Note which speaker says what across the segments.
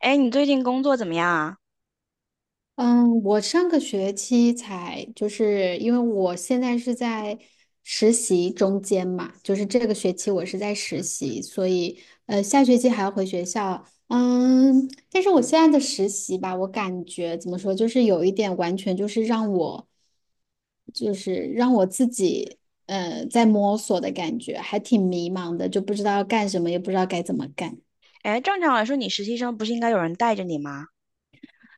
Speaker 1: 哎，你最近工作怎么样啊？
Speaker 2: 嗯，我上个学期才，就是因为我现在是在实习中间嘛，就是这个学期我是在实习，所以下学期还要回学校。嗯，但是我现在的实习吧，我感觉怎么说，就是有一点完全就是让我，就是让我自己在摸索的感觉，还挺迷茫的，就不知道要干什么，也不知道该怎么干。
Speaker 1: 哎，正常来说，你实习生不是应该有人带着你吗？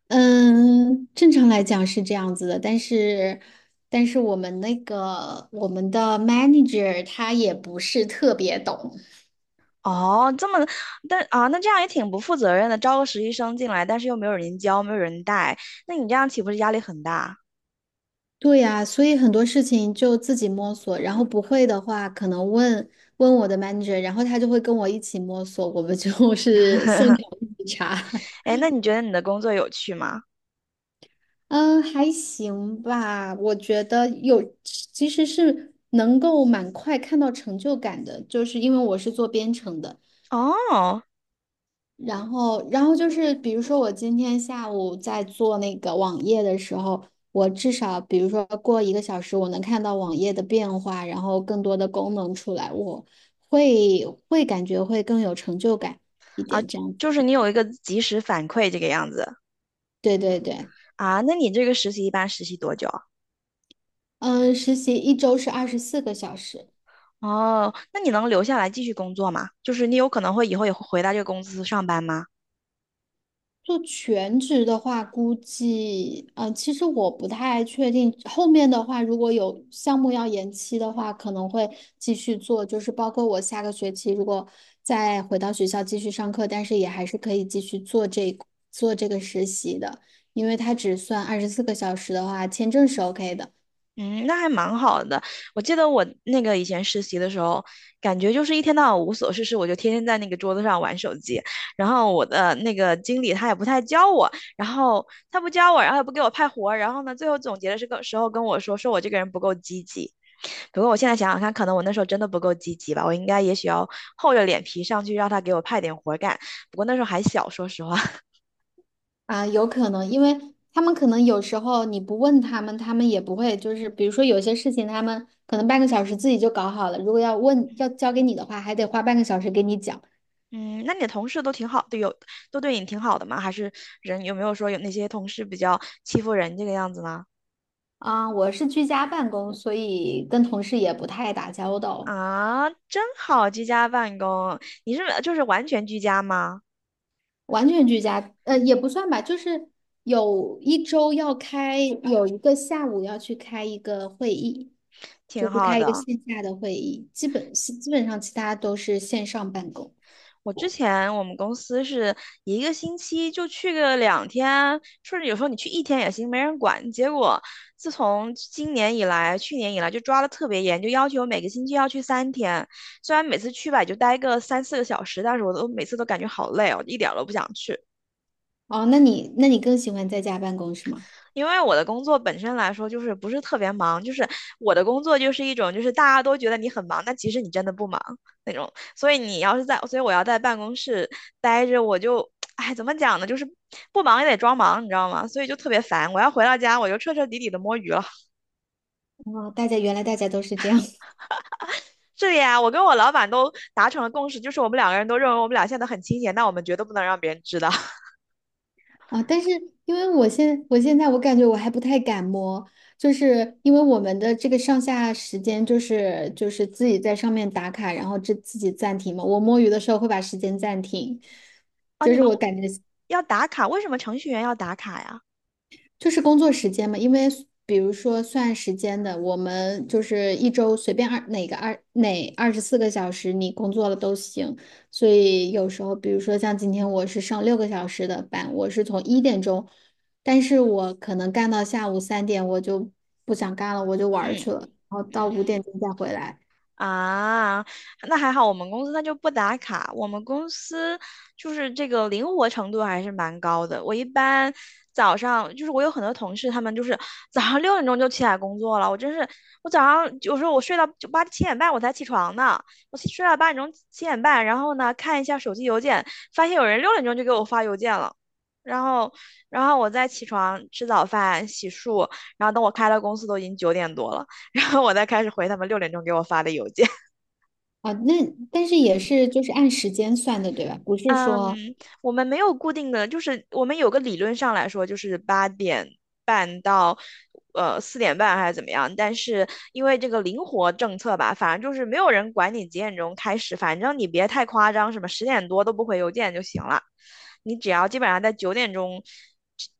Speaker 2: 嗯，正常来讲是这样子的，但是我们的 manager 他也不是特别懂，
Speaker 1: 哦，这么，但啊，那这样也挺不负责任的，招个实习生进来，但是又没有人教，没有人带，那你这样岂不是压力很大？
Speaker 2: 对呀，所以很多事情就自己摸索，然后不会的话可能问问我的 manager,然后他就会跟我一起摸索，我们就是 现场一起查。
Speaker 1: 哎，那你觉得你的工作有趣吗？
Speaker 2: 嗯，还行吧，我觉得有，其实是能够蛮快看到成就感的，就是因为我是做编程的。
Speaker 1: 哦。
Speaker 2: 然后就是，比如说我今天下午在做那个网页的时候，我至少比如说过1个小时，我能看到网页的变化，然后更多的功能出来，我会感觉会更有成就感一
Speaker 1: 啊，
Speaker 2: 点，这样子。
Speaker 1: 就是你有一个及时反馈这个样子。
Speaker 2: 对对对，
Speaker 1: 啊，那你这个实习一般实习多久啊？
Speaker 2: 嗯，实习一周是二十四个小时。
Speaker 1: 哦，那你能留下来继续工作吗？就是你有可能会以后也会回到这个公司上班吗？
Speaker 2: 做全职的话，估计，其实我不太确定。后面的话，如果有项目要延期的话，可能会继续做，就是包括我下个学期如果再回到学校继续上课，但是也还是可以继续做这个实习的，因为它只算二十四个小时的话，签证是 OK 的。
Speaker 1: 嗯，那还蛮好的。我记得我那个以前实习的时候，感觉就是一天到晚无所事事，我就天天在那个桌子上玩手机。然后我的那个经理他也不太教我，然后他不教我，然后也不给我派活儿。然后呢，最后总结的时候跟我说，说我这个人不够积极。不过我现在想想看，可能我那时候真的不够积极吧，我应该也许要厚着脸皮上去让他给我派点活儿干。不过那时候还小，说实话。
Speaker 2: 啊，有可能，因为他们可能有时候你不问他们，他们也不会。就是比如说有些事情，他们可能半个小时自己就搞好了。如果要问，要交给你的话，还得花半个小时给你讲。
Speaker 1: 嗯，那你的同事都挺好的，都对你挺好的吗？还是人有没有说有那些同事比较欺负人这个样子呢？
Speaker 2: 啊，我是居家办公，所以跟同事也不太打交道，
Speaker 1: 啊，真好，居家办公，你是就是完全居家吗？
Speaker 2: 完全居家，也不算吧，就是有一周要开，有一个下午要去开一个会议，
Speaker 1: 挺
Speaker 2: 就是
Speaker 1: 好
Speaker 2: 开一个
Speaker 1: 的。
Speaker 2: 线下的会议，基本上其他都是线上办公。
Speaker 1: 我之前我们公司是一个星期就去个2天，甚至有时候你去一天也行，没人管。结果自从今年以来，去年以来就抓的特别严，就要求每个星期要去3天。虽然每次去吧也就待个三四个小时，但是我都每次都感觉好累哦，一点儿都不想去。
Speaker 2: 哦，那你更喜欢在家办公是吗？
Speaker 1: 因为我的工作本身来说就是不是特别忙，就是我的工作就是一种就是大家都觉得你很忙，但其实你真的不忙那种。所以你要是在，所以我要在办公室待着，我就，哎，怎么讲呢？就是不忙也得装忙，你知道吗？所以就特别烦。我要回到家，我就彻彻底底的摸鱼了。
Speaker 2: 哦，原来大家都是这样
Speaker 1: 这里啊，我跟我老板都达成了共识，就是我们两个人都认为我们俩现在都很清闲，但我们绝对不能让别人知道。
Speaker 2: 啊。哦，但是因为我现在我感觉我还不太敢摸，就是因为我们的这个上下时间就是自己在上面打卡，然后自己暂停嘛。我摸鱼的时候会把时间暂停，
Speaker 1: 啊，
Speaker 2: 就
Speaker 1: 你
Speaker 2: 是
Speaker 1: 们
Speaker 2: 我感觉
Speaker 1: 要打卡，为什么程序员要打卡呀？
Speaker 2: 就是工作时间嘛，因为比如说算时间的，我们就是一周随便二哪个二哪二十四个小时你工作了都行，所以有时候比如说像今天我是上6个小时的班，我是从1点钟，但是我可能干到下午3点我就不想干了，我就玩儿
Speaker 1: 嗯
Speaker 2: 去了，然后到
Speaker 1: 嗯。
Speaker 2: 5点钟再回来。
Speaker 1: 啊，那还好，我们公司它就不打卡。我们公司就是这个灵活程度还是蛮高的。我一般早上就是我有很多同事，他们就是早上六点钟就起来工作了。我真是，我早上有时候我睡到就八七点半我才起床呢，我起睡到八点钟七点半，然后呢看一下手机邮件，发现有人六点钟就给我发邮件了。然后，然后我再起床吃早饭、洗漱，然后等我开了公司都已经九点多了。然后我再开始回他们六点钟给我发的邮件。
Speaker 2: 啊，那但是也是就是按时间算的，对吧？不是
Speaker 1: 嗯，
Speaker 2: 说
Speaker 1: 我们没有固定的，就是我们有个理论上来说，就是8点半到4点半还是怎么样。但是因为这个灵活政策吧，反正就是没有人管你几点钟开始，反正你别太夸张，什么10点多都不回邮件就行了。你只要基本上在9点钟，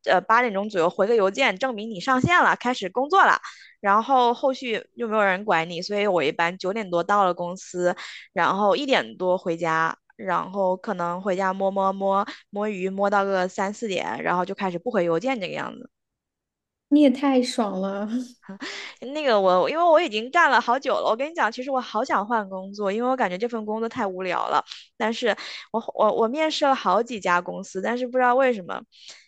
Speaker 1: 八点钟左右回个邮件，证明你上线了，开始工作了。然后后续又没有人管你，所以我一般九点多到了公司，然后1点多回家，然后可能回家摸鱼，摸到个三四点，然后就开始不回邮件这个样子。
Speaker 2: 你也太爽了！
Speaker 1: 那个我，因为我已经干了好久了，我跟你讲，其实我好想换工作，因为我感觉这份工作太无聊了。但是我面试了好几家公司，但是不知道为什么，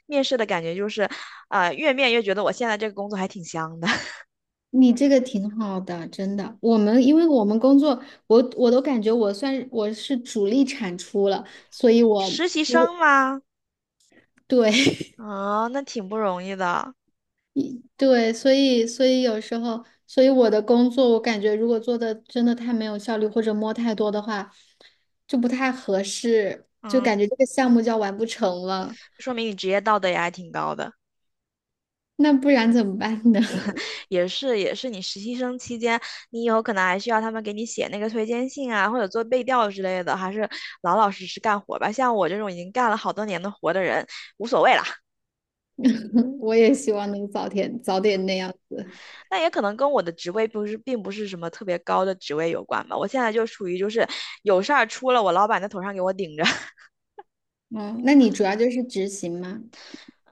Speaker 1: 面试的感觉就是，越面越觉得我现在这个工作还挺香的。
Speaker 2: 你这个挺好的，真的。我们因为我们工作，我都感觉我是主力产出了，所以我
Speaker 1: 实习生吗？
Speaker 2: 对。
Speaker 1: 啊、那挺不容易的，
Speaker 2: 对，所以有时候，所以我的工作，我感觉如果做的真的太没有效率或者摸太多的话，就不太合适，就
Speaker 1: 嗯，
Speaker 2: 感觉这个项目就要完不成了。
Speaker 1: 说明你职业道德也还挺高的。
Speaker 2: 那不然怎么办呢？
Speaker 1: 也是也是你实习生期间，你以后可能还需要他们给你写那个推荐信啊，或者做背调之类的，还是老老实实干活吧。像我这种已经干了好多年的活的人，无所谓啦。
Speaker 2: 我也希望能早点那样子。
Speaker 1: 但也可能跟我的职位不是，并不是什么特别高的职位有关吧。我现在就处于就是有事儿出了我老板在头上给我顶着。
Speaker 2: 嗯，那你主要就是执行吗？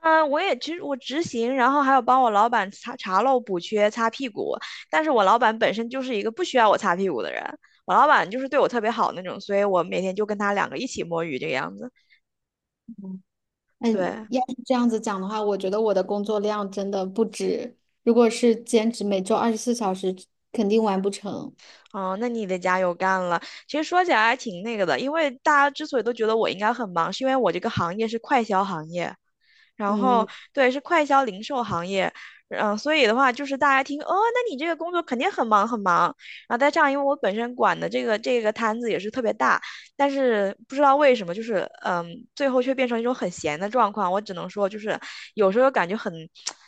Speaker 1: 嗯，我也其实我执行，然后还有帮我老板查查漏补缺、擦屁股。但是我老板本身就是一个不需要我擦屁股的人，我老板就是对我特别好那种，所以我每天就跟他两个一起摸鱼这个样子。
Speaker 2: 嗯，
Speaker 1: 对，
Speaker 2: 要是这样子讲的话，我觉得我的工作量真的不止，如果是兼职，每周24小时，肯定完不成。
Speaker 1: 哦，那你得加油干了。其实说起来还挺那个的，因为大家之所以都觉得我应该很忙，是因为我这个行业是快销行业，然
Speaker 2: 嗯。
Speaker 1: 后对，是快销零售行业，嗯、所以的话就是大家听哦，那你这个工作肯定很忙很忙，然后再这样，因为我本身管的这个这个摊子也是特别大，但是不知道为什么，就是嗯，最后却变成一种很闲的状况，我只能说就是有时候感觉很。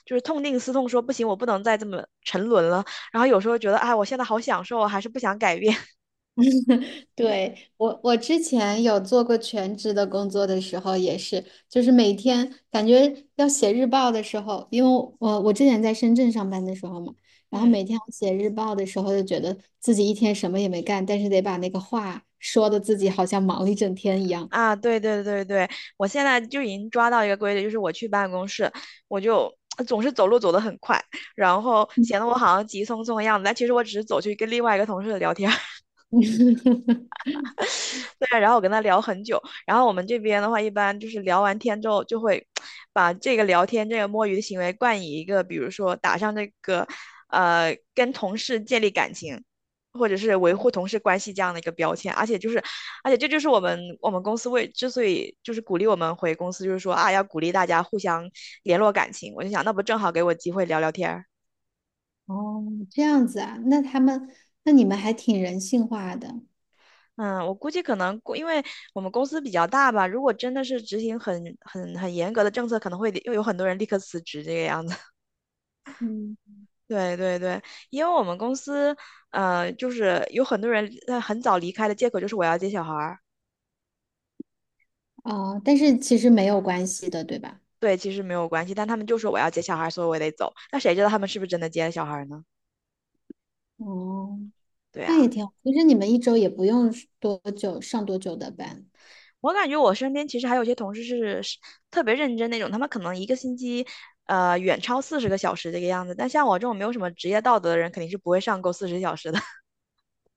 Speaker 1: 就是痛定思痛，说不行，我不能再这么沉沦了。然后有时候觉得，哎，我现在好享受啊，还是不想改变。
Speaker 2: 对，我之前有做过全职的工作的时候，也是，就是每天感觉要写日报的时候，因为我之前在深圳上班的时候嘛，然后
Speaker 1: 嗯。
Speaker 2: 每天要写日报的时候，就觉得自己一天什么也没干，但是得把那个话说的自己好像忙了一整天一样。
Speaker 1: 啊，对对对对，我现在就已经抓到一个规律，就是我去办公室，我就总是走路走得很快，然后显得 我好像急匆匆的样子，但其实我只是走去跟另外一个同事聊天。对，然后我跟他聊很久，然后我们这边的话，一般就是聊完天之后，就会把这个聊天、这个摸鱼的行为冠以一个，比如说打上这个，跟同事建立感情，或者是维护同事关系这样的一个标签。而且就是，而且这就是我们公司为之所以就是鼓励我们回公司，就是说啊，要鼓励大家互相联络感情。我就想，那不正好给我机会聊聊天儿。
Speaker 2: 哦，这样子啊，那你们还挺人性化的，
Speaker 1: 嗯，我估计可能过，因为我们公司比较大吧，如果真的是执行很严格的政策，可能会又有很多人立刻辞职这个样子。
Speaker 2: 嗯，
Speaker 1: 对对对，因为我们公司，就是有很多人很早离开的借口就是我要接小孩儿。
Speaker 2: 哦，但是其实没有关系的，对吧？
Speaker 1: 对，其实没有关系，但他们就说我要接小孩儿，所以我得走。那谁知道他们是不是真的接了小孩儿呢？
Speaker 2: 哦，
Speaker 1: 对
Speaker 2: 那也
Speaker 1: 啊。
Speaker 2: 挺好。其实你们一周也不用是多久，上多久的班，
Speaker 1: 我感觉我身边其实还有些同事是特别认真那种，他们可能一个星期，远超40个小时这个样子。但像我这种没有什么职业道德的人，肯定是不会上够四十小时的。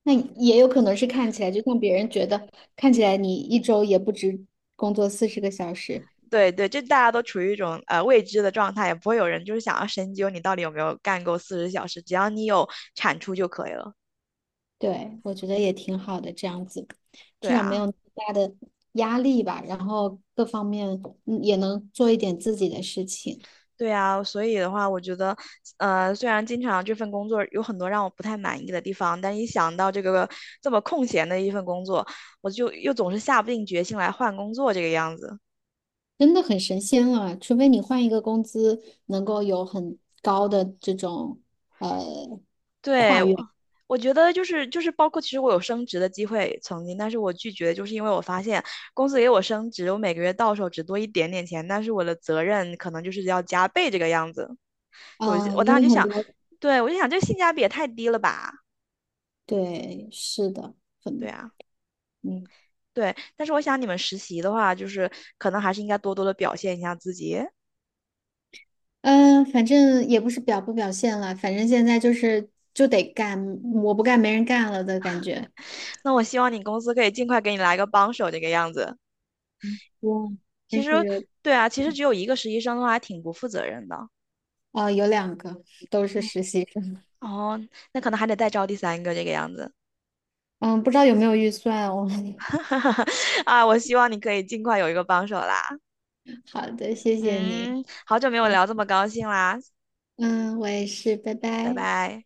Speaker 2: 那也有可能是看起来，就像别人觉得看起来你一周也不止工作40个小时，
Speaker 1: 对对，这大家都处于一种未知的状态，也不会有人就是想要深究你到底有没有干够四十小时，只要你有产出就可以了。
Speaker 2: 对，我觉得也挺好的，这样子，
Speaker 1: 对
Speaker 2: 至少没有
Speaker 1: 啊。
Speaker 2: 那么大的压力吧，然后各方面也能做一点自己的事情。
Speaker 1: 对啊，所以的话，我觉得，虽然经常这份工作有很多让我不太满意的地方，但一想到这个这么空闲的一份工作，我就又总是下不定决心来换工作这个样子。
Speaker 2: 真的很神仙了，除非你换一个工资能够有很高的这种呃
Speaker 1: 对，
Speaker 2: 跨
Speaker 1: 我
Speaker 2: 越，
Speaker 1: 我觉得就是就是包括其实我有升职的机会曾经，但是我拒绝，就是因为我发现公司给我升职，我每个月到手只多一点点钱，但是我的责任可能就是要加倍这个样子。
Speaker 2: 嗯，
Speaker 1: 我
Speaker 2: 因
Speaker 1: 当时
Speaker 2: 为
Speaker 1: 就
Speaker 2: 很
Speaker 1: 想，
Speaker 2: 多
Speaker 1: 对，我就想这性价比也太低了吧？
Speaker 2: 对，是的，
Speaker 1: 对
Speaker 2: 很
Speaker 1: 啊。
Speaker 2: 嗯
Speaker 1: 对，但是我想你们实习的话，就是可能还是应该多多的表现一下自己。
Speaker 2: 嗯，反正也不是表不表现了，反正现在就是就得干，我不干没人干了的感觉。
Speaker 1: 那我希望你公司可以尽快给你来个帮手这个样子。
Speaker 2: 嗯，但
Speaker 1: 其实，
Speaker 2: 是
Speaker 1: 对啊，其实只有一个实习生的话，还挺不负责任的。
Speaker 2: 啊，有2个都是实习生，
Speaker 1: 哦，那可能还得再招第三个这个样子。
Speaker 2: 嗯，不知道有没有预算哦。
Speaker 1: 啊，我希望你可以尽快有一个帮手啦。
Speaker 2: 好的，谢谢你，
Speaker 1: 嗯，好久没有聊这么高兴啦，
Speaker 2: 嗯，我也是，拜
Speaker 1: 拜
Speaker 2: 拜。
Speaker 1: 拜。